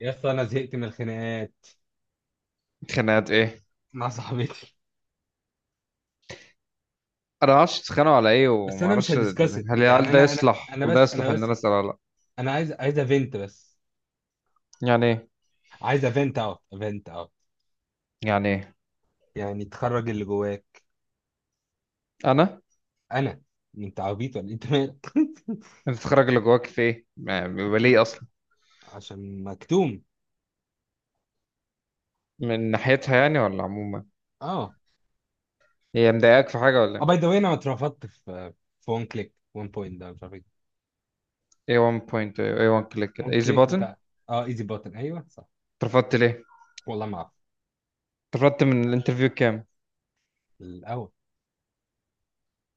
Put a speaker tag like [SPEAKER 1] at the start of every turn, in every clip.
[SPEAKER 1] يا اسطى انا زهقت من الخناقات
[SPEAKER 2] خناقات ايه؟
[SPEAKER 1] مع صاحبتي.
[SPEAKER 2] انا ما اعرفش اتخانقوا على ايه،
[SPEAKER 1] بس
[SPEAKER 2] وما
[SPEAKER 1] انا مش
[SPEAKER 2] اعرفش
[SPEAKER 1] هديسكاس يعني، انا انا انا
[SPEAKER 2] هل ده
[SPEAKER 1] بس
[SPEAKER 2] يصلح
[SPEAKER 1] انا
[SPEAKER 2] ان انا
[SPEAKER 1] بس
[SPEAKER 2] اسال ولا لا.
[SPEAKER 1] انا عايز افنت بس.
[SPEAKER 2] يعني ايه؟
[SPEAKER 1] عايز افنت اوت افنت اوت.
[SPEAKER 2] يعني ايه؟
[SPEAKER 1] يعني تخرج اللي جواك.
[SPEAKER 2] انا؟
[SPEAKER 1] انا. انت عبيط ولا إيه؟ انت مالك؟
[SPEAKER 2] انت تخرج اللي جواك في ايه؟ بيبقى ليه اصلا؟
[SPEAKER 1] عشان مكتوم.
[SPEAKER 2] من ناحيتها يعني، ولا عموما؟
[SPEAKER 1] اه
[SPEAKER 2] هي مضايقاك في حاجه
[SPEAKER 1] اه
[SPEAKER 2] ولا؟
[SPEAKER 1] باي ذا واي انا اترفضت في وان كليك وان بوينت، ده مش عارف ايه.
[SPEAKER 2] ايه 1 بوينت؟ ايه 1 كليك؟
[SPEAKER 1] وان
[SPEAKER 2] كده ايزي
[SPEAKER 1] كليك
[SPEAKER 2] باتن.
[SPEAKER 1] بتاع. اه ايزي بوتن، ايوه صح.
[SPEAKER 2] اترفضت ليه؟
[SPEAKER 1] والله ما اعرف.
[SPEAKER 2] اترفضت من الانترفيو كام؟
[SPEAKER 1] الاول.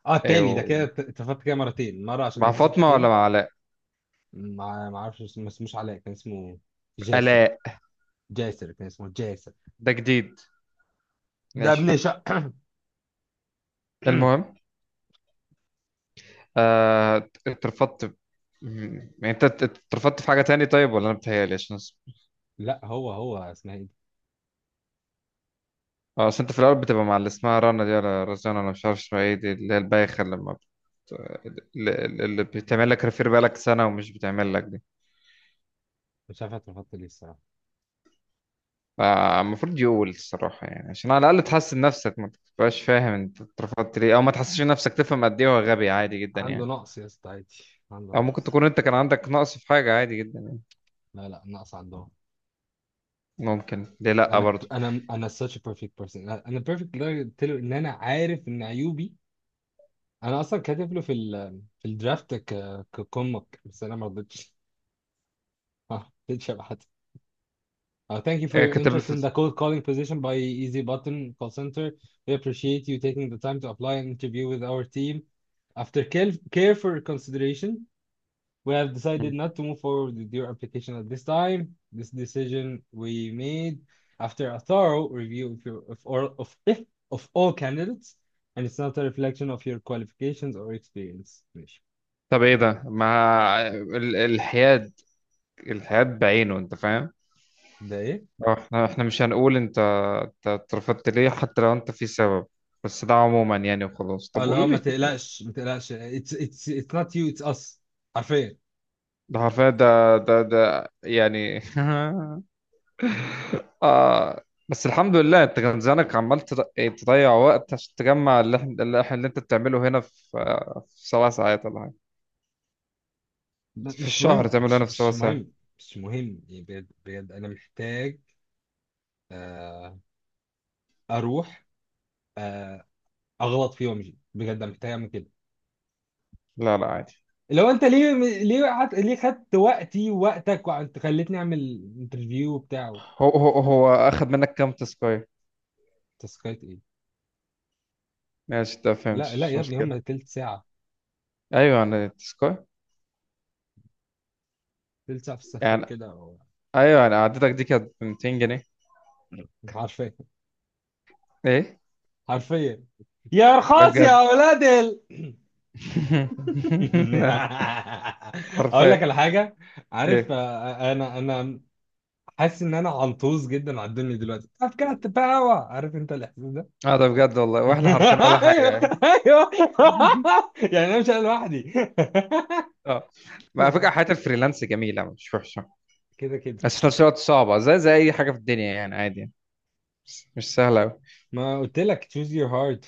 [SPEAKER 1] اه التاني، ده
[SPEAKER 2] ايوه.
[SPEAKER 1] كده اترفضت كده مرتين، مره عشان ما
[SPEAKER 2] مع
[SPEAKER 1] عنديش
[SPEAKER 2] فاطمه ولا
[SPEAKER 1] experience.
[SPEAKER 2] مع علاء؟
[SPEAKER 1] ما اسموش علاء، كان اسمه جاسر.
[SPEAKER 2] علاء؟
[SPEAKER 1] جاسر كان اسمه جاسر.
[SPEAKER 2] ده جديد.
[SPEAKER 1] ده
[SPEAKER 2] ماشي.
[SPEAKER 1] ابن شا
[SPEAKER 2] المهم. آه، اترفضت. م- يعني انت اترفضت في حاجه تاني طيب، ولا انا بتهيألي عشان؟
[SPEAKER 1] لا هو اسمها ايه دي.
[SPEAKER 2] اه، اصل انت في الاول بتبقى مع اللي اسمها رنا دي، ولا رزانة، ولا مش عارف اسمها ايه دي، اللي هي البايخة اللي ما بت... اللي اللي بتعمل لك ريفير بقالك سنة، ومش بتعمل لك دي.
[SPEAKER 1] مش عارف اترفضت ليه الصراحه.
[SPEAKER 2] فالمفروض يقول الصراحة يعني، عشان على الأقل تحسن نفسك، ما تبقاش فاهم انت اترفضت ليه، أو ما تحسش نفسك تفهم قد ايه هو غبي، عادي جدا
[SPEAKER 1] عنده
[SPEAKER 2] يعني.
[SPEAKER 1] نقص يا اسطى، عادي. عنده
[SPEAKER 2] أو ممكن
[SPEAKER 1] نقص.
[SPEAKER 2] تكون انت كان عندك نقص في حاجة، عادي جدا يعني.
[SPEAKER 1] لا لا، نقص عندهم.
[SPEAKER 2] ممكن، ليه لأ
[SPEAKER 1] انا
[SPEAKER 2] برضه.
[SPEAKER 1] انا انا such a perfect person. انا perfect لدرجه قلت له ان انا عارف ان عيوبي. انا اصلا كاتب له في الدرافت ككمك، بس انا ما رضيتش. ما رضيتش ابعت. Thank you for
[SPEAKER 2] إيه
[SPEAKER 1] your
[SPEAKER 2] كتب لي
[SPEAKER 1] interest in the cold calling position by Easy Button Call Center. We appreciate you taking the time to apply and interview with our team. After careful consideration, we have decided not to move forward with your application at this time. This decision we made after a thorough review of your of all of, of all candidates, and it's not a reflection of your qualifications or experience. ماشي.
[SPEAKER 2] طب ايه
[SPEAKER 1] يلا
[SPEAKER 2] ده؟
[SPEAKER 1] احنا.
[SPEAKER 2] ما ال- الحياد، الحياد بعينه، انت فاهم.
[SPEAKER 1] ده ايه؟
[SPEAKER 2] اه، احنا مش هنقول انت انت اترفضت ليه حتى لو انت في سبب، بس ده عموما يعني، وخلاص. طب
[SPEAKER 1] اه
[SPEAKER 2] قولوا
[SPEAKER 1] لا،
[SPEAKER 2] لي
[SPEAKER 1] ما
[SPEAKER 2] في سبب.
[SPEAKER 1] تقلقش ما تقلقش، it's not you, it's us. حرفيا.
[SPEAKER 2] ده حرفيا، ده يعني. آه. بس الحمد لله، انت كان زمانك عمال ايه، تضيع وقت عشان تجمع اللي انت بتعمله هنا في 7 ساعات ولا حاجه في
[SPEAKER 1] مش
[SPEAKER 2] الشهر،
[SPEAKER 1] مهم،
[SPEAKER 2] تعمله
[SPEAKER 1] مش
[SPEAKER 2] هنا في سبع
[SPEAKER 1] مش
[SPEAKER 2] ساعات
[SPEAKER 1] مهم. مش مهم يعني، بجد بجد انا محتاج. آه. اروح. آه. اغلط فيه وامشي، بجد انا محتاج اعمل كده.
[SPEAKER 2] لا لا، عادي.
[SPEAKER 1] لو انت ليه، ليه خدت وقتي ووقتك وانت خليتني اعمل انترفيو وبتاع.
[SPEAKER 2] هو اخد منك كام تسكاي؟
[SPEAKER 1] تسكايت ايه؟
[SPEAKER 2] ماشي، ده فهمت،
[SPEAKER 1] لا لا
[SPEAKER 2] مش
[SPEAKER 1] يا ابني،
[SPEAKER 2] مشكله.
[SPEAKER 1] هم تلت ساعه.
[SPEAKER 2] ايوه انا تسكاي
[SPEAKER 1] تلت ساعه في السخان
[SPEAKER 2] يعني.
[SPEAKER 1] كده أو-
[SPEAKER 2] ايوه، انا قعدتك دي كانت ب 200 جنيه.
[SPEAKER 1] حرفيا.
[SPEAKER 2] ايه؟
[SPEAKER 1] حرفيا. يا
[SPEAKER 2] ده
[SPEAKER 1] رخاص
[SPEAKER 2] بجد.
[SPEAKER 1] يا اولاد ال اقول
[SPEAKER 2] حرفيا.
[SPEAKER 1] لك على حاجه. عارف،
[SPEAKER 2] ايه.
[SPEAKER 1] انا حاسس ان انا عنطوز جدا على الدنيا دلوقتي. I've got the power. عارف انت الاحساس ده؟
[SPEAKER 2] اه ده بجد والله، واحنا حرفيا ولا حاجه
[SPEAKER 1] ايوه
[SPEAKER 2] يعني.
[SPEAKER 1] ايوه. يعني انا مش انا لوحدي.
[SPEAKER 2] اه. ما على فكره، حياه الفريلانس جميله مش وحشه،
[SPEAKER 1] كده كده.
[SPEAKER 2] بس في نفس الوقت صعبه زي اي حاجه في الدنيا يعني، عادي يعني. بس مش سهله قوي.
[SPEAKER 1] ما قلت لك choose your heart.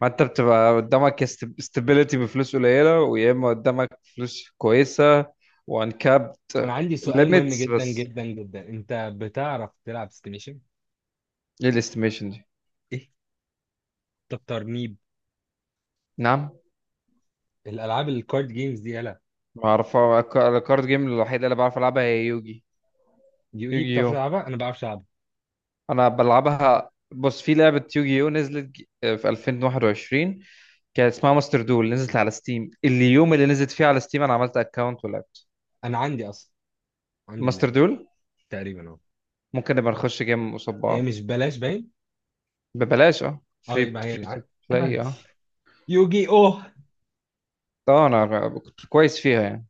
[SPEAKER 2] ما انت بتبقى قدامك استابيليتي بفلوس قليله، ويا اما قدامك فلوس كويسه وان كابت
[SPEAKER 1] انا عندي سؤال مهم
[SPEAKER 2] ليميتس.
[SPEAKER 1] جدا
[SPEAKER 2] بس
[SPEAKER 1] جدا جدا، انت بتعرف تلعب ستيميشن؟
[SPEAKER 2] ايه الاستيميشن دي؟
[SPEAKER 1] ايه؟ طب ترنيب؟
[SPEAKER 2] نعم.
[SPEAKER 1] الالعاب الكارد جيمز دي، يلا.
[SPEAKER 2] ما اعرف الكارد جيم الوحيده اللي بعرف العبها هي يوجي.
[SPEAKER 1] يو اي
[SPEAKER 2] يوجي
[SPEAKER 1] بتعرف
[SPEAKER 2] يو.
[SPEAKER 1] تلعبها، انا ما بعرفش العبها.
[SPEAKER 2] انا بلعبها. بص، في لعبة يوجيو نزلت في 2021 كانت اسمها ماستر دول. نزلت على ستيم، اليوم اللي نزلت فيه على ستيم انا عملت اكونت ولعبت.
[SPEAKER 1] انا عندي اصلا، عندي
[SPEAKER 2] ماستر
[SPEAKER 1] اللعبه
[SPEAKER 2] دول.
[SPEAKER 1] تقريبا اهو.
[SPEAKER 2] ممكن نبقى نخش جيم قصاد
[SPEAKER 1] هي
[SPEAKER 2] بعض.
[SPEAKER 1] مش بلاش باين.
[SPEAKER 2] ببلاش، اه،
[SPEAKER 1] اه
[SPEAKER 2] فري
[SPEAKER 1] يبقى هي
[SPEAKER 2] فري تو
[SPEAKER 1] الع...
[SPEAKER 2] بلاي،
[SPEAKER 1] عندي
[SPEAKER 2] اه.
[SPEAKER 1] يوجي اوه.
[SPEAKER 2] اه، انا كنت كويس فيها يعني.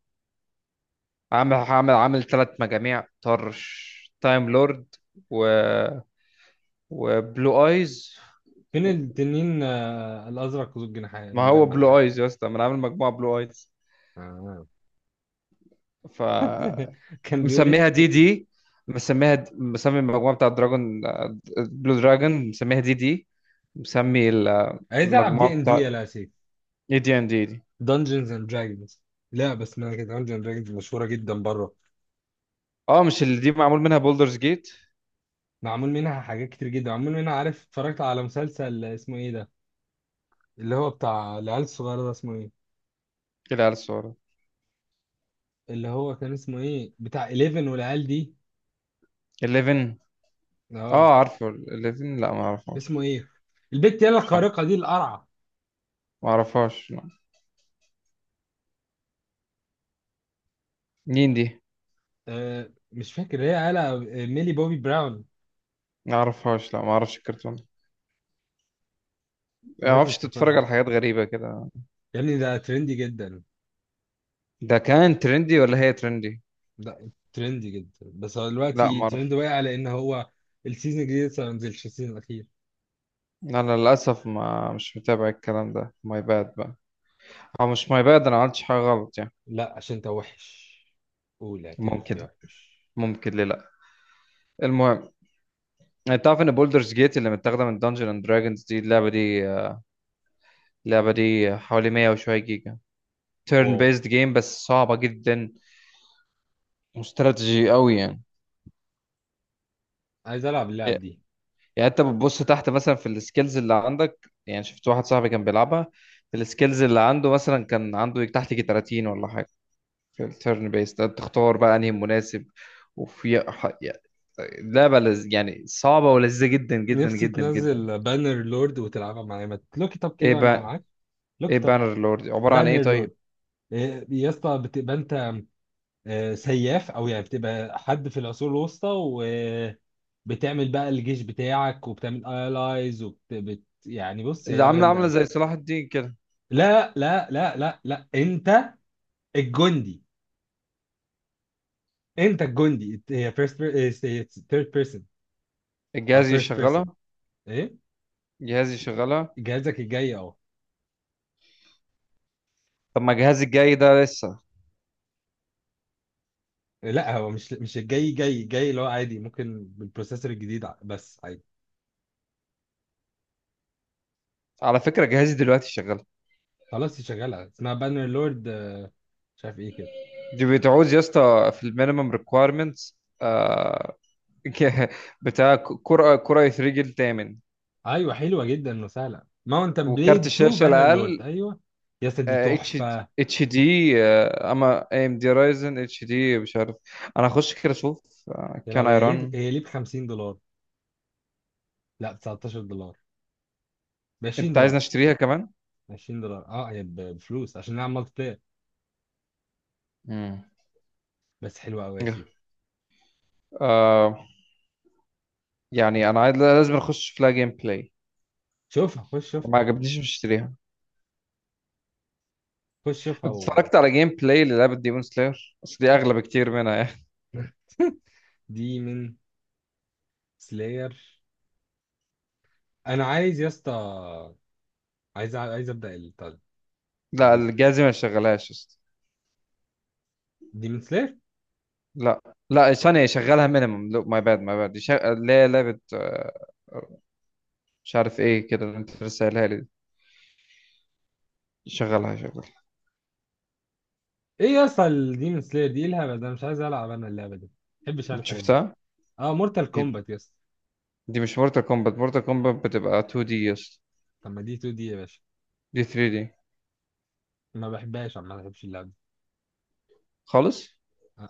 [SPEAKER 2] عامل ثلاث مجاميع، طرش تايم لورد، و، وبلو ايز.
[SPEAKER 1] فين التنين، الازرق ذو الجناح
[SPEAKER 2] ما هو
[SPEAKER 1] المجنح
[SPEAKER 2] بلو
[SPEAKER 1] بقى؟
[SPEAKER 2] ايز يا اسطى، ما انا عامل مجموعة بلو ايز.
[SPEAKER 1] آه.
[SPEAKER 2] ف،
[SPEAKER 1] كان بيقول ايه؟
[SPEAKER 2] مسميها دي دي. مسميها مسمي المجموعة بتاع دراجون، بلو دراجون، مسميها دي دي. مسمي
[SPEAKER 1] عايز العب دي
[SPEAKER 2] المجموعة
[SPEAKER 1] ان دي
[SPEAKER 2] بتاع
[SPEAKER 1] يا سيف.
[SPEAKER 2] اي دي ان دي دي.
[SPEAKER 1] دنجنز اند دراجونز. لعبه اسمها كده دنجنز اند دراجونز، مشهوره جدا بره.
[SPEAKER 2] اه، مش اللي دي معمول منها بولدرز جيت؟
[SPEAKER 1] معمول منها حاجات كتير جدا، معمول منها، عارف اتفرجت على مسلسل اسمه ايه ده؟ اللي هو بتاع العيال الصغيره ده، اسمه ايه؟
[SPEAKER 2] اللي على الصورة.
[SPEAKER 1] اللي هو كان اسمه ايه، بتاع 11 والعيال دي.
[SPEAKER 2] 11؟
[SPEAKER 1] اه.
[SPEAKER 2] اه، عارفه 11؟ لا، ما
[SPEAKER 1] اسمه
[SPEAKER 2] اعرفهاش.
[SPEAKER 1] ايه البت يلا
[SPEAKER 2] مش عارف.
[SPEAKER 1] الخارقه دي القرعه.
[SPEAKER 2] ما اعرفهاش، لا. مين دي؟
[SPEAKER 1] آه مش فاكر، هي قالها ميلي بوبي براون.
[SPEAKER 2] ما اعرفهاش لا، ما اعرفش الكرتون يعني. ما
[SPEAKER 1] لازم
[SPEAKER 2] اعرفش،
[SPEAKER 1] تكون
[SPEAKER 2] تتفرج على
[SPEAKER 1] عارف.
[SPEAKER 2] حاجات غريبة كده.
[SPEAKER 1] يا ابني ده ترندي جدا.
[SPEAKER 2] ده كان ترندي ولا هي ترندي؟
[SPEAKER 1] ده ترندي جدا، بس هو
[SPEAKER 2] لا،
[SPEAKER 1] دلوقتي
[SPEAKER 2] ما
[SPEAKER 1] ترند
[SPEAKER 2] اعرف.
[SPEAKER 1] واقع لان هو السيزون الجديد لسه ما نزلش، السيزون الاخير.
[SPEAKER 2] انا للاسف ما مش متابع الكلام ده، ماي باد بقى. او مش ماي باد، انا ما عملتش حاجة غلط يعني.
[SPEAKER 1] لا، عشان انت وحش. قول اعترف يا
[SPEAKER 2] ممكن.
[SPEAKER 1] وحش.
[SPEAKER 2] ممكن، ليه لا. المهم، انت تعرف ان بولدرز جيت اللي متاخده من دنجن اند دراجونز دي، اللعبه دي، اللعبه دي حوالي 100 وشويه جيجا. تيرن
[SPEAKER 1] واو.
[SPEAKER 2] بيزد جيم، بس صعبه جدا واستراتيجي قوي يعني.
[SPEAKER 1] عايز العب
[SPEAKER 2] إيه،
[SPEAKER 1] اللعب دي.
[SPEAKER 2] يعني انت بتبص تحت مثلا في السكيلز اللي عندك. يعني شفت واحد صاحبي كان بيلعبها، السكيلز اللي عنده مثلا كان عنده تحت يجي 30 ولا حاجه. في التيرن بيست تختار بقى انهي مناسب. يعني لعبه، يعني صعبه ولذيذه جدا جدا
[SPEAKER 1] نفسي
[SPEAKER 2] جدا جدا.
[SPEAKER 1] تنزل بانر لورد وتلعبها معايا، ما لوك اب
[SPEAKER 2] ايه
[SPEAKER 1] كده وانا
[SPEAKER 2] بقى؟
[SPEAKER 1] معاك.
[SPEAKER 2] ايه
[SPEAKER 1] لوك اب.
[SPEAKER 2] بانر لورد؟ عبارة عن ايه
[SPEAKER 1] بانر
[SPEAKER 2] طيب؟
[SPEAKER 1] لورد. يا اسطى بتبقى انت سياف، او يعني بتبقى حد في العصور الوسطى. وبتعمل بقى الجيش بتاعك، وبتعمل الايز، يعني بص هي
[SPEAKER 2] ده
[SPEAKER 1] لعبه
[SPEAKER 2] عاملة
[SPEAKER 1] جامده
[SPEAKER 2] عاملة
[SPEAKER 1] قوي.
[SPEAKER 2] زي صلاح الدين كده.
[SPEAKER 1] لا لا لا لا لا، انت الجندي. انت الجندي، هي فيرست. ثيرد بيرسون او
[SPEAKER 2] الجهاز
[SPEAKER 1] فيرست
[SPEAKER 2] يشغلها؟
[SPEAKER 1] بيرسون. ايه.
[SPEAKER 2] جهاز يشغلها؟
[SPEAKER 1] جهازك الجاي اهو.
[SPEAKER 2] طب ما جهازي الجاي ده لسه.
[SPEAKER 1] لا هو مش الجاي، جاي جاي اللي هو عادي، ممكن بالبروسيسور الجديد بس عادي.
[SPEAKER 2] على فكرة جهازي دلوقتي شغال.
[SPEAKER 1] خلاص دي شغاله، اسمها بانر لورد. مش عارف ايه كده.
[SPEAKER 2] دي بتعوز يا اسطى في المينيمم ريكويرمنتس، ك- بتاع كرة كرة يترجل الثامن.
[SPEAKER 1] ايوه حلوه جدا وسهله، ماونتن
[SPEAKER 2] وكارت
[SPEAKER 1] بليد 2
[SPEAKER 2] الشاشة
[SPEAKER 1] بانر لورد،
[SPEAKER 2] الأقل
[SPEAKER 1] ايوه. يا اسطى دي
[SPEAKER 2] اتش،
[SPEAKER 1] تحفه.
[SPEAKER 2] اتش دي. اما اي ام دي رايزن اتش دي، مش عارف. انا هخش كده اشوف.
[SPEAKER 1] يا لو
[SPEAKER 2] كان
[SPEAKER 1] هي ليه
[SPEAKER 2] ايران.
[SPEAKER 1] هي ليه ب 50 دولار. لا ب 19 دولار. ب 20
[SPEAKER 2] انت عايزني
[SPEAKER 1] دولار
[SPEAKER 2] اشتريها كمان؟
[SPEAKER 1] 20 دولار، هي بفلوس عشان نلعب مالتي بلاير. بس حلوة أوي يا سيف.
[SPEAKER 2] امم يعني انا عايز، لازم اخش في لها جيم بلاي.
[SPEAKER 1] شوفها، خش شوف.
[SPEAKER 2] ما عجبنيش، مش هشتريها.
[SPEAKER 1] خش شوفها
[SPEAKER 2] أنت
[SPEAKER 1] و...
[SPEAKER 2] اتفرجت على جيم بلاي للعبة ديمون سلاير؟ بس دي اغلى بكتير منها يعني.
[SPEAKER 1] دي من سلاير. انا عايز يا اسطى، عايز ابدا
[SPEAKER 2] لا،
[SPEAKER 1] البيزنس.
[SPEAKER 2] الجهاز ما يشغلهاش يا اسطى.
[SPEAKER 1] دي من سلاير.
[SPEAKER 2] لا لا، ثانية، يشغلها مينيمم. لو ماي باد، ماي باد يشغل اللي هي لعبة، مش عارف ايه كده اللي انت لسه قايلها لي دي. يشغلها يشغلها.
[SPEAKER 1] ايه يا اسطى، دي من سلاير، دي إيه الهبل ده، مش عايز العب انا اللعبه دي، ما بحبش انا
[SPEAKER 2] انت
[SPEAKER 1] الحاجات دي.
[SPEAKER 2] شفتها؟
[SPEAKER 1] اه مورتال
[SPEAKER 2] إيه؟
[SPEAKER 1] كومبات يا اسطى.
[SPEAKER 2] دي مش مورتال كومبات، مورتال كومبات بتبقى 2 دي، يس
[SPEAKER 1] طب ما دي 2 دي يا باشا.
[SPEAKER 2] دي 3 دي
[SPEAKER 1] ما بحبهاش عم، ما بحبش اللعبه دي.
[SPEAKER 2] خالص.
[SPEAKER 1] آه.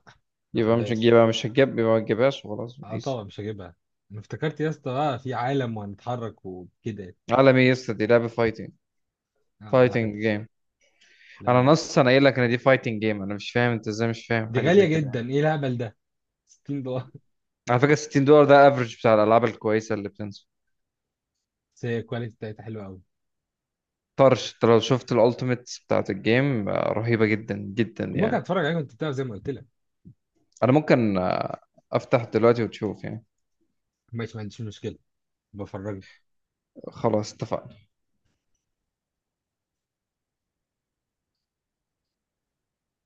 [SPEAKER 1] ما
[SPEAKER 2] يبقى مش،
[SPEAKER 1] بحبهاش.
[SPEAKER 2] يبقى مش هتجيب، يبقى ما تجيبهاش وخلاص،
[SPEAKER 1] اه
[SPEAKER 2] ايزي.
[SPEAKER 1] طبعا مش هجيبها. انا افتكرت يا اسطى، في عالم وهنتحرك وكده.
[SPEAKER 2] عالمي، يس، دي لعبة فايتنج،
[SPEAKER 1] ما
[SPEAKER 2] فايتنج
[SPEAKER 1] بحبش.
[SPEAKER 2] جيم.
[SPEAKER 1] لا
[SPEAKER 2] انا
[SPEAKER 1] لا.
[SPEAKER 2] نص، انا قايل لك ان دي فايتنج جيم. انا مش فاهم انت ازاي مش فاهم
[SPEAKER 1] دي
[SPEAKER 2] حاجه
[SPEAKER 1] غاليه
[SPEAKER 2] زي كده يعني.
[SPEAKER 1] جدا، ايه الهبل ده. 60.
[SPEAKER 2] على فكره 60 دولار ده افريج بتاع الالعاب الكويسه اللي بتنزل.
[SPEAKER 1] بس هي الكواليتي بتاعتها حلوه قوي.
[SPEAKER 2] طرش انت لو شفت الالتيميت بتاعت الجيم، رهيبه جدا جدا
[SPEAKER 1] ممكن
[SPEAKER 2] يعني.
[SPEAKER 1] اتفرج عليها، كنت بتعرف زي ما قلت لك.
[SPEAKER 2] انا ممكن، افتح دلوقتي وتشوف يعني.
[SPEAKER 1] ماشي، ما عنديش مشكله. بفرجك.
[SPEAKER 2] خلاص اتفقنا.